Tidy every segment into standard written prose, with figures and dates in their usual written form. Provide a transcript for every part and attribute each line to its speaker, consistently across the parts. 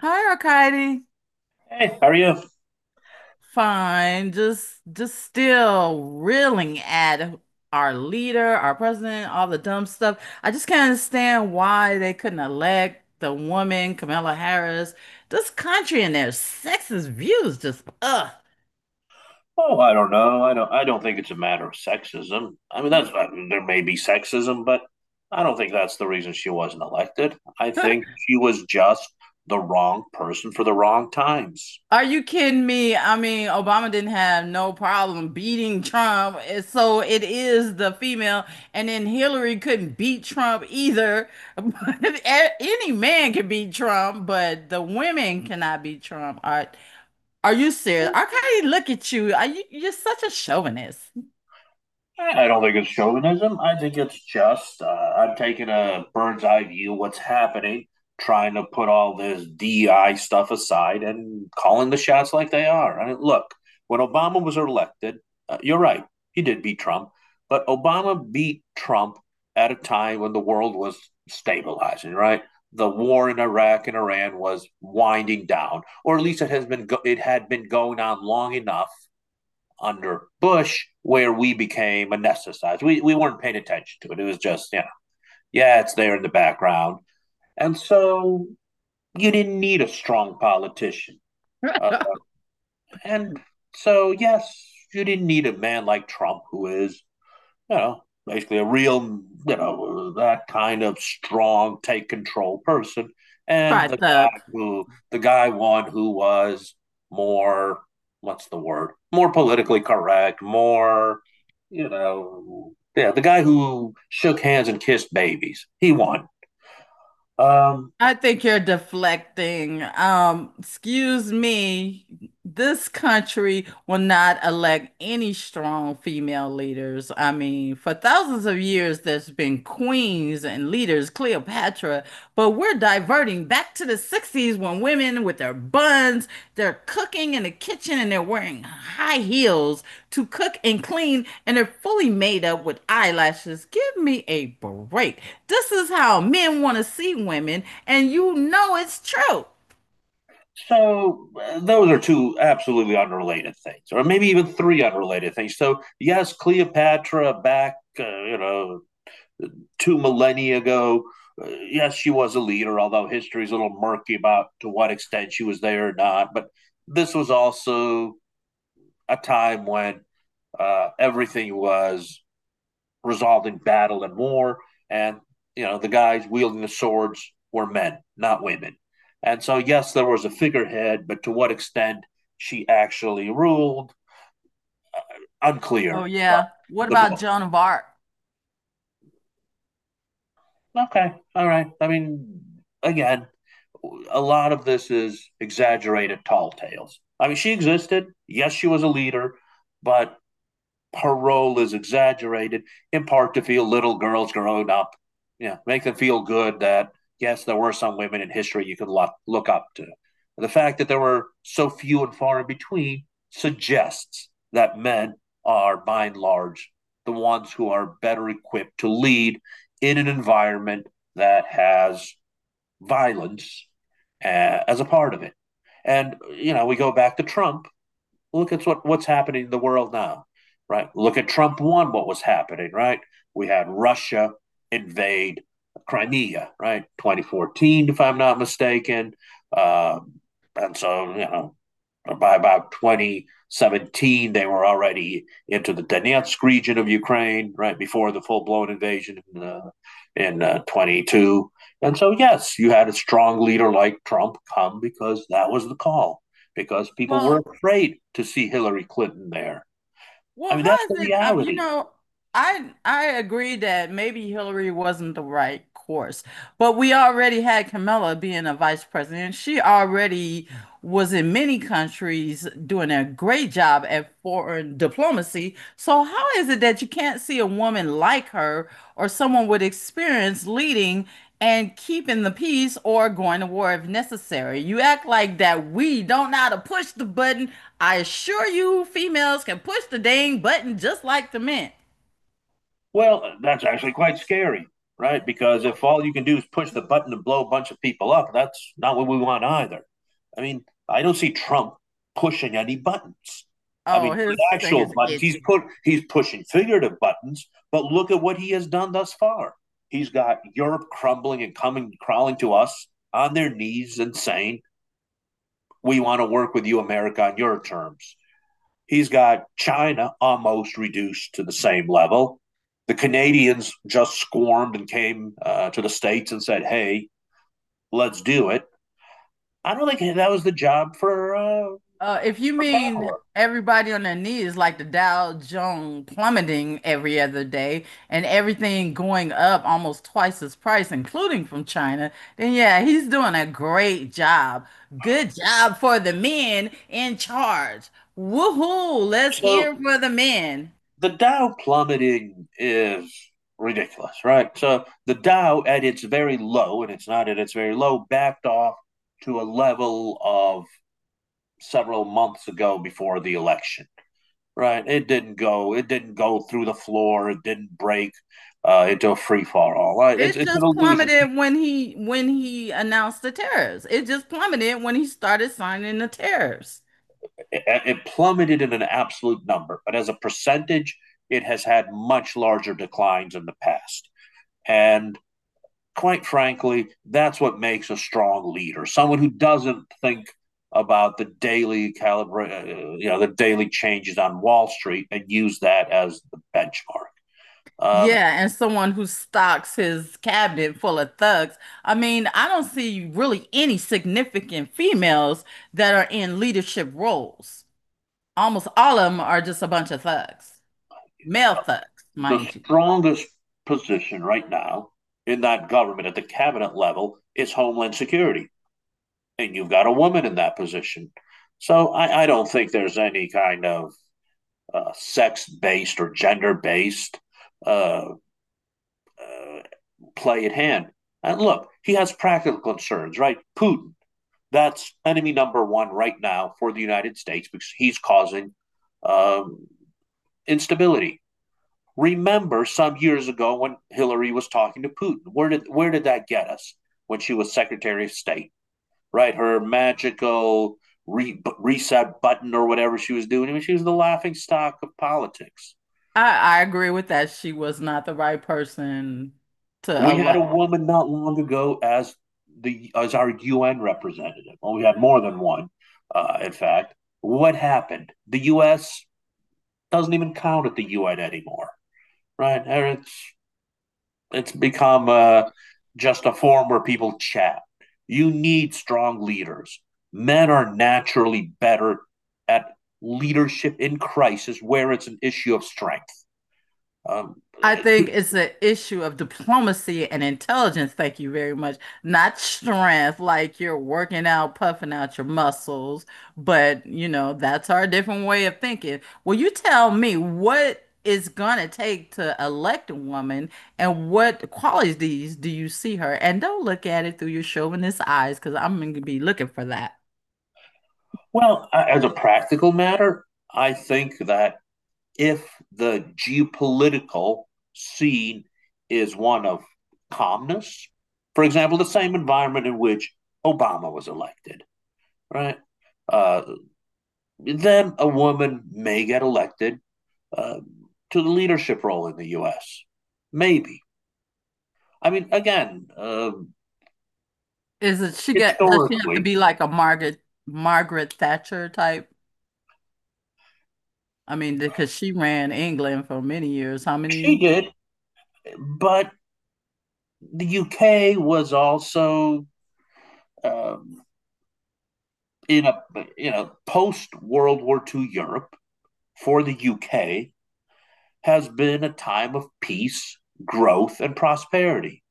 Speaker 1: Hi, Arkady.
Speaker 2: Hey, how are you?
Speaker 1: Fine. Just still reeling at our leader, our president, all the dumb stuff. I just can't understand why they couldn't elect the woman, Kamala Harris. This country and their sexist views just ugh.
Speaker 2: Oh, I don't know. I don't. I don't think it's a matter of sexism. I mean, that's I mean, there may be sexism, but I don't think that's the reason she wasn't elected. I think she was just the wrong person for the wrong times.
Speaker 1: Are you kidding me? I mean, Obama didn't have no problem beating Trump. And So it is the female. And then Hillary couldn't beat Trump either. But any man can beat Trump, but the women cannot beat Trump. Are you serious? I can Arkady, look at you. You're such a chauvinist.
Speaker 2: I don't think it's chauvinism. I think it's just I'm taking a bird's eye view of what's happening, trying to put all this DI stuff aside and calling the shots like they are. I mean, look, when Obama was elected, you're right, he did beat Trump, but Obama beat Trump at a time when the world was stabilizing, right? The war in Iraq and Iran was winding down, or at least it had been going on long enough under Bush where we became anesthetized. We weren't paying attention to it. It was just, yeah, it's there in the background. And so you didn't need a strong politician. Uh, and So, yes, you didn't need a man like Trump who is you know, basically a real, you know, that kind of strong, take control person. And
Speaker 1: Try thug.
Speaker 2: the guy one who was more, what's the word? More politically correct, more, you know, yeah, the guy who shook hands and kissed babies. He won. Um,
Speaker 1: I think you're deflecting. Excuse me. This country will not elect any strong female leaders. I mean, for thousands of years, there's been queens and leaders, Cleopatra, but we're diverting back to the 60s when women with their buns, they're cooking in the kitchen and they're wearing high heels to cook and clean and they're fully made up with eyelashes. Give me a break. This is how men want to see women, and you know it's true.
Speaker 2: those are two absolutely unrelated things, or maybe even three unrelated things. So yes, Cleopatra back, you know, two millennia ago. Yes, she was a leader, although history is a little murky about to what extent she was there or not. But this was also a time when everything was resolved in battle and war, and you know the guys wielding the swords were men, not women. And so, yes, there was a figurehead, but to what extent she actually ruled,
Speaker 1: Oh,
Speaker 2: unclear. Well,
Speaker 1: yeah. What
Speaker 2: the
Speaker 1: about
Speaker 2: book.
Speaker 1: Joan of Arc?
Speaker 2: Okay, all right. I mean, again, a lot of this is exaggerated tall tales. I mean, she existed. Yes, she was a leader, but her role is exaggerated in part to feel little girls growing up, you know, make them feel good that, yes, there were some women in history you could look up to. The fact that there were so few and far in between suggests that men are, by and large, the ones who are better equipped to lead in an environment that has violence as a part of it. And you know, we go back to Trump. Look at what's happening in the world now, right? Look at Trump one. What was happening, right? We had Russia invade Crimea, right? 2014, if I'm not mistaken. Uh, and so you know, by about 2017, they were already into the Donetsk region of Ukraine, right before the full blown invasion in 22. And so, yes, you had a strong leader like Trump come because that was the call, because people were
Speaker 1: Well,
Speaker 2: afraid to see Hillary Clinton there. I
Speaker 1: well,
Speaker 2: mean,
Speaker 1: how
Speaker 2: that's the
Speaker 1: is it?
Speaker 2: reality.
Speaker 1: I agree that maybe Hillary wasn't the right course. But we already had Kamala being a vice president. She already was in many countries doing a great job at foreign diplomacy. So how is it that you can't see a woman like her or someone with experience leading and keeping the peace or going to war if necessary? You act like that we don't know how to push the button. I assure you, females can push the dang button just like the men.
Speaker 2: Well, that's actually quite scary, right? Because if all you can do is push the button to blow a bunch of people up, that's not what we want either. I mean, I don't see Trump pushing any buttons. I
Speaker 1: Oh,
Speaker 2: mean,
Speaker 1: his
Speaker 2: not actual
Speaker 1: fingers
Speaker 2: buttons.
Speaker 1: itch.
Speaker 2: He's pushing figurative buttons, but look at what he has done thus far. He's got Europe crumbling and coming crawling to us on their knees and saying, "We want to work with you, America, on your terms." He's got China almost reduced to the same level. The Canadians just squirmed and came to the States and said, hey, let's do it. I don't think that was the job
Speaker 1: If you
Speaker 2: for
Speaker 1: mean
Speaker 2: Kamala.
Speaker 1: everybody on their knees, like the Dow Jones plummeting every other day and everything going up almost twice its price, including from China, then yeah, he's doing a great job. Good job for the men in charge. Woohoo! Let's
Speaker 2: So
Speaker 1: hear for the men.
Speaker 2: the Dow plummeting is ridiculous, right? So the Dow at its very low, and it's not at its very low, backed off to a level of several months ago before the election. Right. It didn't go. It didn't go through the floor. It didn't break into a free fall. All right. It's,
Speaker 1: It
Speaker 2: it's an
Speaker 1: just
Speaker 2: illusion.
Speaker 1: plummeted when he announced the tariffs. It just plummeted when he started signing the tariffs.
Speaker 2: It plummeted in an absolute number, but as a percentage, it has had much larger declines in the past. And quite frankly, that's what makes a strong leader someone who doesn't think about the you know, the daily changes on Wall Street and use that as the benchmark. Um,
Speaker 1: Yeah, and someone who stocks his cabinet full of thugs. I mean, I don't see really any significant females that are in leadership roles. Almost all of them are just a bunch of thugs, male thugs,
Speaker 2: the
Speaker 1: mind you.
Speaker 2: strongest position right now in that government at the cabinet level is Homeland Security. And you've got a woman in that position. So I don't think there's any kind of sex based or gender based uh, uh, play at hand. And look, he has practical concerns, right? Putin, that's enemy number one right now for the United States because he's causing um, instability. Remember some years ago when Hillary was talking to Putin. Where did that get us when she was Secretary of State? Right, her magical reset button or whatever she was doing. I mean, she was the laughing stock of politics.
Speaker 1: I agree with that. She was not the right person to
Speaker 2: We had a
Speaker 1: elect.
Speaker 2: woman not long ago as the as our UN representative. Well, we had more than one, in fact. What happened? The U.S. doesn't even count at the UN anymore, right? It's become just a forum where people chat. You need strong leaders. Men are naturally better at leadership in crisis where it's an issue of strength. Um,
Speaker 1: I think it's an issue of diplomacy and intelligence. Thank you very much. Not strength, like you're working out, puffing out your muscles, but you know, that's our different way of thinking. Well, you tell me what it's gonna take to elect a woman and what qualities do you see her? And don't look at it through your chauvinist eyes, because I'm gonna be looking for that.
Speaker 2: as a practical matter, I think that if the geopolitical scene is one of calmness, for example, the same environment in which Obama was elected, right? Uh, then a woman may get elected uh, to the leadership role in the U.S. Maybe. I mean, again,
Speaker 1: Is it she got, does she have to
Speaker 2: historically,
Speaker 1: be like a Margaret Thatcher type? I mean, because she ran England for many years. How
Speaker 2: she
Speaker 1: many?
Speaker 2: did, but the U.K. was also um, in a you know post World War II Europe for the U.K. has been a time of peace, growth, and prosperity.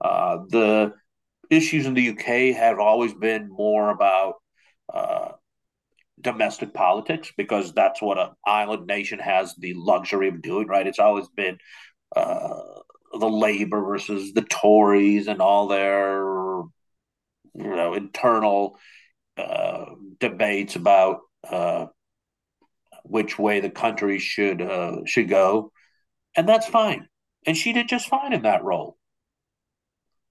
Speaker 2: The issues in the UK have always been more about uh, domestic politics because that's what an island nation has the luxury of doing, right? It's always been uh, the Labor versus the Tories and all their you know internal uh, debates about uh, which way the country should go, and that's fine. And she did just fine in that role.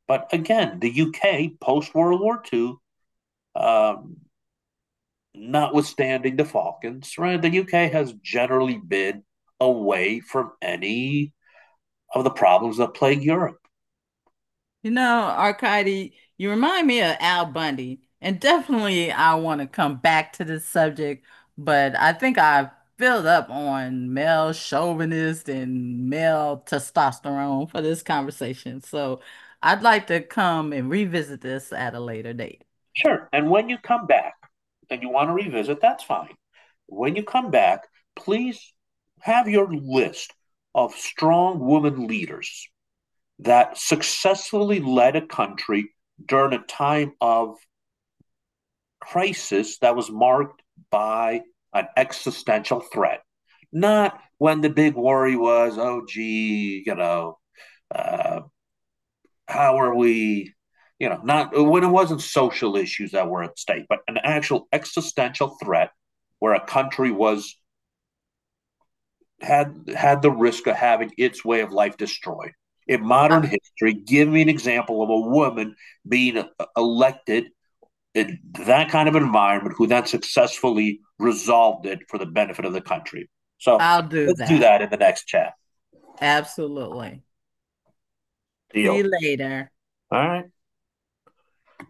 Speaker 2: But again, the UK post World War Two. um, Notwithstanding the Falcons, right? The UK has generally been away from any of the problems that plague Europe.
Speaker 1: You know, Arcady, you remind me of Al Bundy. And definitely, I want to come back to this subject, but I think I've filled up on male chauvinist and male testosterone for this conversation. So I'd like to come and revisit this at a later date.
Speaker 2: Sure. And when you come back and you want to revisit, that's fine. When you come back, please have your list of strong women leaders that successfully led a country during a time of crisis that was marked by an existential threat. Not when the big worry was, oh, gee, you know, uh, how are we, you know, not when it wasn't social issues that were at stake, but an actual existential threat where a country was had had the risk of having its way of life destroyed in
Speaker 1: I
Speaker 2: modern history. Give me an example of a woman being elected in that kind of environment who then successfully resolved it for the benefit of the country. So
Speaker 1: I'll do
Speaker 2: let's do
Speaker 1: that.
Speaker 2: that in the next chat.
Speaker 1: Absolutely. See
Speaker 2: Deal.
Speaker 1: you later.
Speaker 2: All right.